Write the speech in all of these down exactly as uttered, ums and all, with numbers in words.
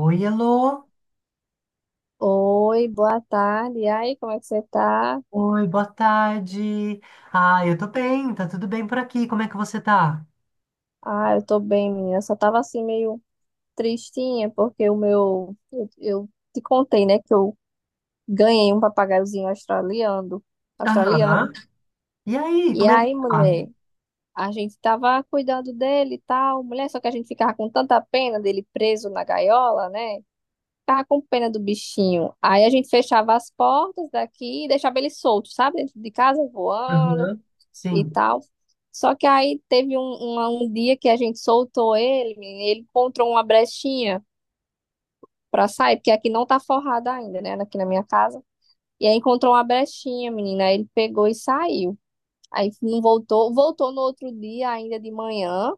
Oi, alô. Oi, boa tarde. E aí, como é que você tá? Oi, boa tarde. Ah, eu tô bem, tá tudo bem por aqui. Como é que você tá? Ah, eu tô bem, menina. Eu só tava assim meio tristinha porque o meu eu, eu te contei, né, que eu ganhei um papagaiozinho australiano, australiano. Aham. E aí, E como é que aí, tá? mulher, a gente tava cuidando dele e tal, mulher, só que a gente ficava com tanta pena dele preso na gaiola, né? Ficava com pena do bichinho. Aí a gente fechava as portas daqui e deixava ele solto, sabe? Dentro de casa voando. Aham. E Sim. tal. Só que aí teve um, uma- um dia que a gente soltou ele, ele encontrou uma brechinha pra sair, porque aqui não tá forrada ainda, né? Aqui na minha casa. E aí encontrou uma brechinha, menina. Aí ele pegou e saiu. Aí não voltou, voltou no outro dia, ainda de manhã,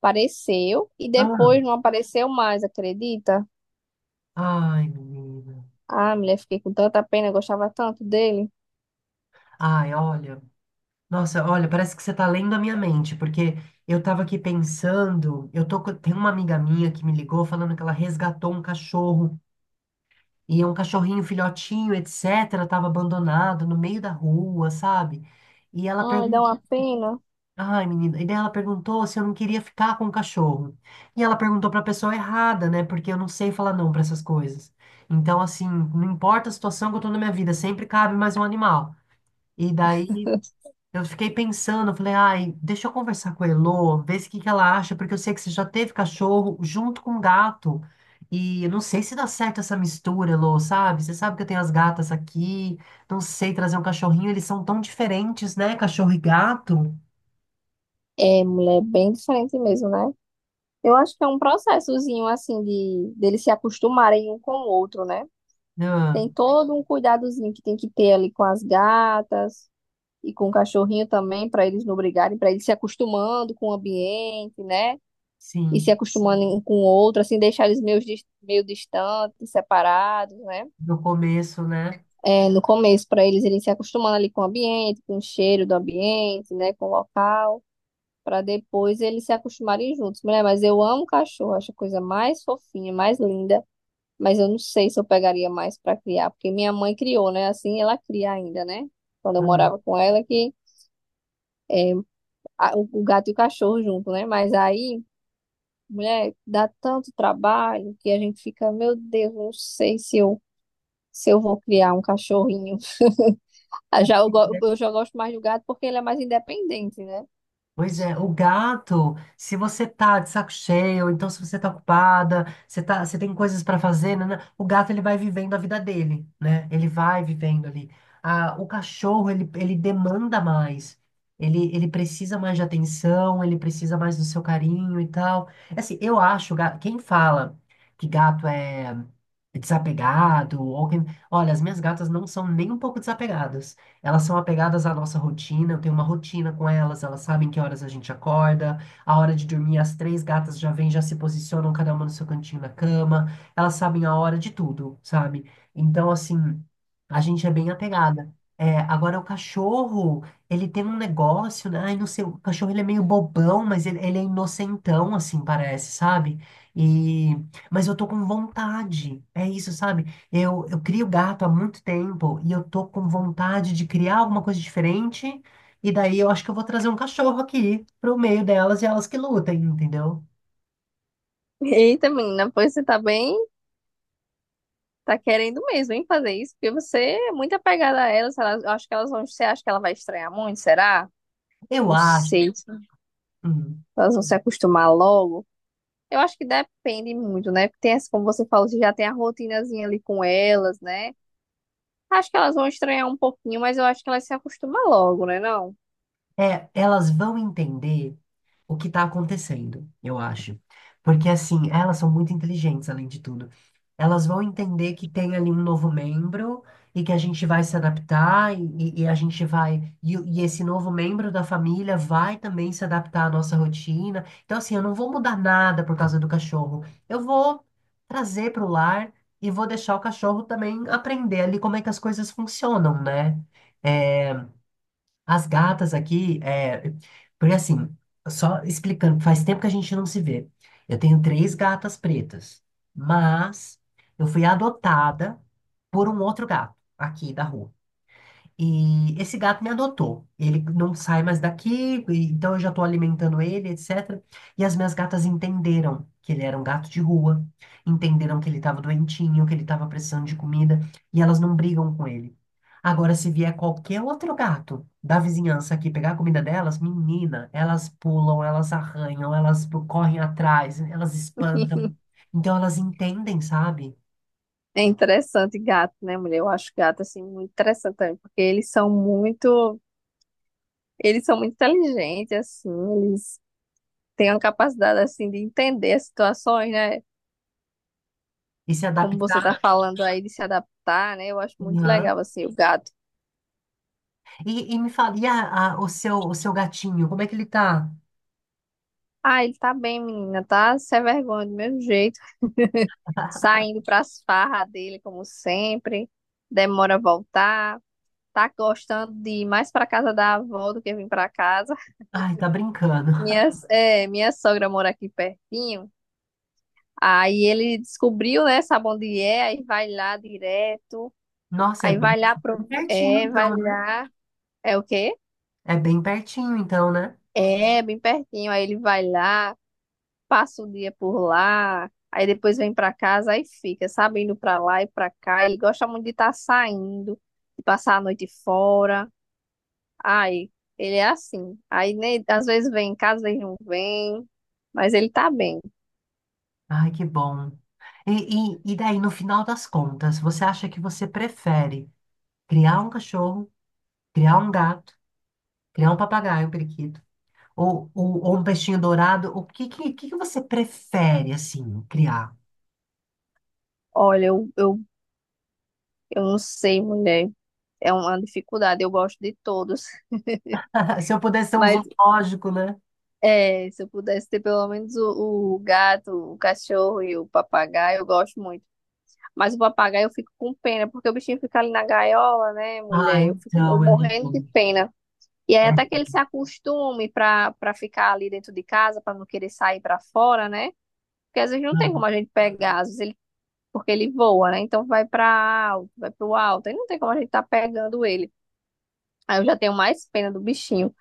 apareceu, e Ah. depois não apareceu mais, acredita? Ai, menina. Ah, mulher, fiquei com tanta pena, eu gostava tanto dele. Ai, olha. Nossa, olha, parece que você tá lendo a minha mente, porque eu tava aqui pensando, eu tô, com- tem uma amiga minha que me ligou falando que ela resgatou um cachorro, e é um cachorrinho filhotinho, etc, tava abandonado no meio da rua, sabe? E ela Ai, dá perguntou. uma pena. Ai, menina. E daí ela perguntou se eu não queria ficar com o cachorro. E ela perguntou pra pessoa errada, né? Porque eu não sei falar não pra essas coisas. Então, assim, não importa a situação que eu tô na minha vida, sempre cabe mais um animal. E daí eu fiquei pensando, eu falei, ai, deixa eu conversar com a Elô, ver se o que que ela acha, porque eu sei que você já teve cachorro junto com gato. E eu não sei se dá certo essa mistura, Elô, sabe? Você sabe que eu tenho as gatas aqui, não sei trazer um cachorrinho, eles são tão diferentes, né? Cachorro e gato. É, mulher, bem diferente mesmo, né? Eu acho que é um processozinho assim de deles se acostumarem um com o outro, né? Ah. Tem todo um cuidadozinho que tem que ter ali com as gatas e com o cachorrinho também, para eles não brigarem, para eles se acostumando com o ambiente, né? E se Sim, acostumando um com o outro, assim, deixar eles meio, dis- meio distantes, separados, né? no começo, né? É, no começo, para eles irem se acostumando ali com o ambiente, com o cheiro do ambiente, né? Com o local para depois eles se acostumarem juntos. Mulher, mas eu amo cachorro, acho a coisa mais fofinha, mais linda. Mas eu não sei se eu pegaria mais para criar, porque minha mãe criou, né? Assim ela cria ainda, né? Quando eu Hum. morava com ela, que é, a- o o gato e o cachorro junto, né? Mas aí, mulher, dá tanto trabalho que a gente fica, meu Deus, não sei se eu, se eu vou criar um cachorrinho. É, Ah, já eu, pois go- eu é. já gosto mais do gato porque ele é mais independente, né? Pois é, o gato, se você tá de saco cheio, então se você tá ocupada, você tá, você tem coisas para fazer, né, né, o gato ele vai vivendo a vida dele, né? Ele vai vivendo ali. Ah, o cachorro, ele, ele demanda mais. Ele, ele precisa mais de atenção, ele precisa mais do seu carinho e tal. É. Assim, eu acho, ga- quem fala que gato é desapegado, ou quem, olha, as minhas gatas não são nem um pouco desapegadas. Elas são apegadas à nossa rotina, eu tenho uma rotina com elas, elas sabem que horas a gente acorda, a hora de dormir, as três gatas já vêm, já se posicionam, cada uma no seu cantinho na cama, elas sabem a hora de tudo, sabe? Então, assim, a gente é bem apegada. É, agora, o cachorro, ele tem um negócio, né? Ai, não sei, o cachorro ele é meio bobão, mas ele, ele é inocentão, assim, parece, sabe? E... Mas eu tô com vontade, é isso, sabe? Eu, eu crio gato há muito tempo e eu tô com vontade de criar alguma coisa diferente. E daí eu acho que eu vou trazer um cachorro aqui pro meio delas e elas que lutem, entendeu? Eita, menina, pois você tá bem, tá querendo mesmo, hein, fazer isso, porque você é muito apegada a ela, sei lá, eu acho que elas vão, você acha que ela vai estranhar muito, será? Eu Não acho. sei. Hum, Elas vão se acostumar logo. Eu acho que depende muito, né? Porque tem essa, como você falou, você já tem a rotinazinha ali com elas, né? Acho que elas vão estranhar um pouquinho, mas eu acho que elas se acostumam logo, né? Não? é, elas vão entender o que está acontecendo, eu acho. Porque, assim, elas são muito inteligentes, além de tudo. Elas vão entender que tem ali um novo membro e que a gente vai se adaptar e, e- e a gente vai. E, o- e esse novo membro da família vai também se adaptar à nossa rotina. Então, assim, eu não vou mudar nada por causa do cachorro. Eu vou trazer para o lar e vou deixar o cachorro também aprender ali como é que as coisas funcionam, né? É, as gatas aqui, é, porque assim, só explicando, faz tempo que a gente não se vê. Eu tenho três gatas pretas, mas eu fui adotada por um outro gato aqui da rua. E esse gato me adotou. Ele não sai mais daqui, e- então eu já estou alimentando ele, etcétera. E as minhas gatas entenderam que ele era um gato de rua, entenderam que ele estava doentinho, que ele estava precisando de comida, e elas não brigam com ele. Agora, se vier qualquer outro gato da vizinhança aqui pegar a comida delas, menina, elas pulam, elas arranham, elas correm atrás, elas espantam. Então elas entendem, sabe? É interessante gato, né, mulher? Eu acho gato, assim, muito interessante também, porque eles são muito, eles são muito inteligentes, assim, eles têm uma capacidade, assim, de entender as situações, né? E se Como você adaptar. tá falando aí, de se adaptar, né? Eu acho muito legal, assim, o gato. E, e me fala, e a- a- o seu, o seu gatinho, como é que ele tá? Ah, ele tá bem, menina, tá? Se é vergonha do mesmo jeito. Saindo para as farras dele, como sempre, demora a voltar, tá gostando de ir mais para casa da avó do que vir para casa. Ai, tá brincando. Minha, é, minha sogra mora aqui pertinho, aí ele descobriu, né, sabe onde é, aí vai lá direto, Nossa, é aí bem, vai lá, bem pro, pertinho é, vai então, né? lá, é o quê? É bem pertinho então, né? É, bem pertinho, aí ele vai lá. Passa o dia por lá, aí depois vem pra casa, aí fica, sabe, indo pra lá e pra cá. Ele gosta muito de estar saindo, de passar a noite fora. Ai, ele é assim. Aí né, às vezes vem em casa, às vezes não vem, mas ele tá bem. Ai, que bom. E, e, e daí, no final das contas, você acha que você prefere criar um cachorro, criar um gato, criar um papagaio, um periquito, ou, ou, ou um peixinho dourado? O que, que, que que você prefere, assim, criar? Olha, eu, eu, eu não sei, mulher, é uma dificuldade, eu gosto de todos. Se eu pudesse ser um Mas zoológico, né? é, se eu pudesse ter pelo menos o, o gato, o cachorro e o papagaio, eu gosto muito. Mas o papagaio eu fico com pena, porque o bichinho fica ali na gaiola, né, Ah, mulher? Eu fico eu então, morrendo de eu... pena. E aí até que É, ele se acostume para para ficar ali dentro de casa, para não querer sair para fora, né? Porque às vezes não tem como aham. a gente pegar, às vezes ele, porque ele voa, né? Então vai para alto, vai para o alto, aí não tem como a gente tá pegando ele. Aí eu já tenho mais pena do bichinho.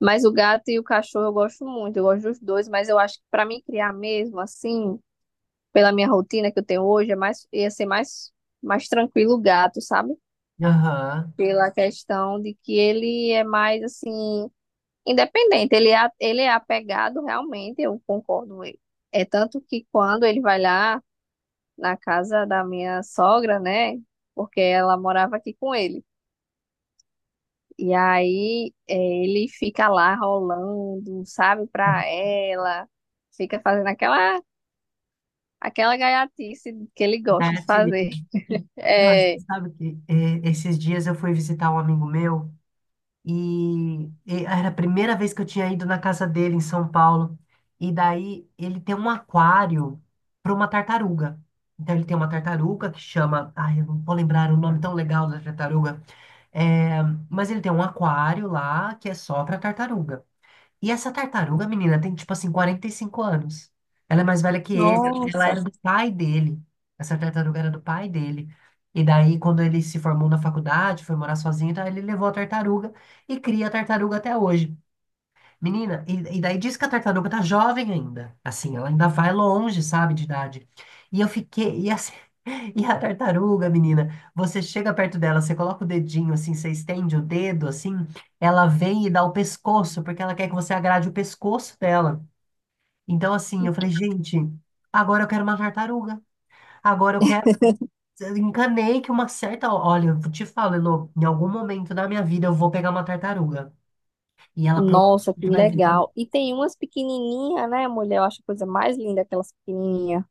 Mas o gato e o cachorro eu gosto muito, eu gosto dos dois, mas eu acho que para mim criar mesmo assim, pela minha rotina que eu tenho hoje, é mais ia ser mais mais tranquilo o gato, sabe? Aham. Pela questão de que ele é mais assim independente, ele é, ele é apegado realmente, eu concordo. Com ele. É tanto que quando ele vai lá na casa da minha sogra, né? Porque ela morava aqui com ele. E aí é, ele fica lá rolando, sabe, pra ela, fica fazendo aquela aquela gaiatice que ele gosta Né. de fazer. Não, você É, sabe que é, esses dias eu fui visitar um amigo meu e, e era a primeira vez que eu tinha ido na casa dele em São Paulo. E daí ele tem um aquário para uma tartaruga. Então ele tem uma tartaruga que chama. Ai, eu não vou lembrar o nome tão legal da tartaruga. É, mas ele tem um aquário lá que é só para tartaruga. E essa tartaruga, menina, tem tipo assim quarenta e cinco anos. Ela é mais velha que ele. Ela nossa. era do pai dele. Essa tartaruga era do pai dele. E daí, quando ele se formou na faculdade, foi morar sozinho, então ele levou a tartaruga e cria a tartaruga até hoje. Menina, e, e daí diz que a tartaruga tá jovem ainda. Assim, ela ainda vai longe, sabe, de idade. E eu fiquei. E, assim, e a tartaruga, menina, você chega perto dela, você coloca o dedinho assim, você estende o dedo assim, ela vem e dá o pescoço, porque ela quer que você agrade o pescoço dela. Então, assim, eu falei, gente, agora eu quero uma tartaruga. Agora eu quero. Eu encanei que uma certa. Olha, eu te falo, Elô, em algum momento da minha vida eu vou pegar uma tartaruga. E ela Nossa, que provavelmente vai viver. legal. E tem umas pequenininhas, né, mulher? Eu acho a coisa mais linda aquelas pequenininhas,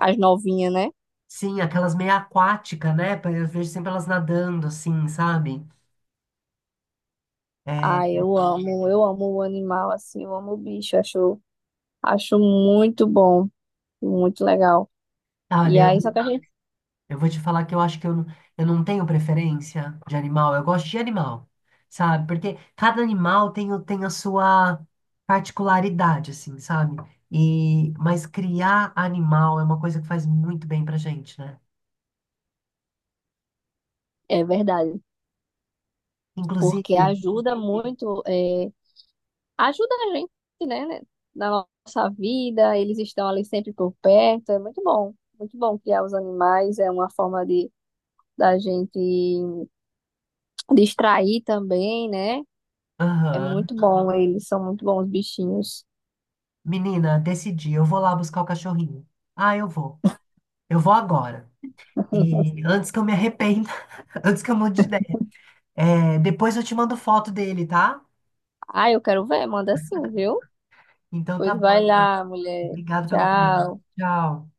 as novinhas, né? Sim, aquelas meio aquática, né? Pa- Eu vejo sempre elas nadando, assim, sabe? É, Ai, eu amo, eu amo o animal, assim, eu amo o bicho, acho, acho muito bom, muito legal. E olha, eu aí, só que a gente, eu vou te falar que eu acho que eu, não- eu não tenho preferência de animal. Eu gosto de animal, sabe? Porque cada animal tem, o- tem a sua particularidade, assim, sabe? E, mas criar animal é uma coisa que faz muito bem pra gente, né? é verdade, porque Inclusive, ajuda muito, é, ajuda a gente, né, né, na nossa vida, eles estão ali sempre por perto, é muito bom, muito bom criar os animais, é uma forma de, da gente distrair também, né? É aham, muito bom, eles são muito bons, bichinhos. menina, decidi, eu vou lá buscar o cachorrinho. Ah, eu vou. Eu vou agora. E antes que eu me arrependa, antes que eu mude de... É, depois eu te mando foto dele, tá? Ah, eu quero ver, manda sim, viu? Então tá Pois bom. vai lá, mulher. Obrigado pelo plano. Tchau. Tchau.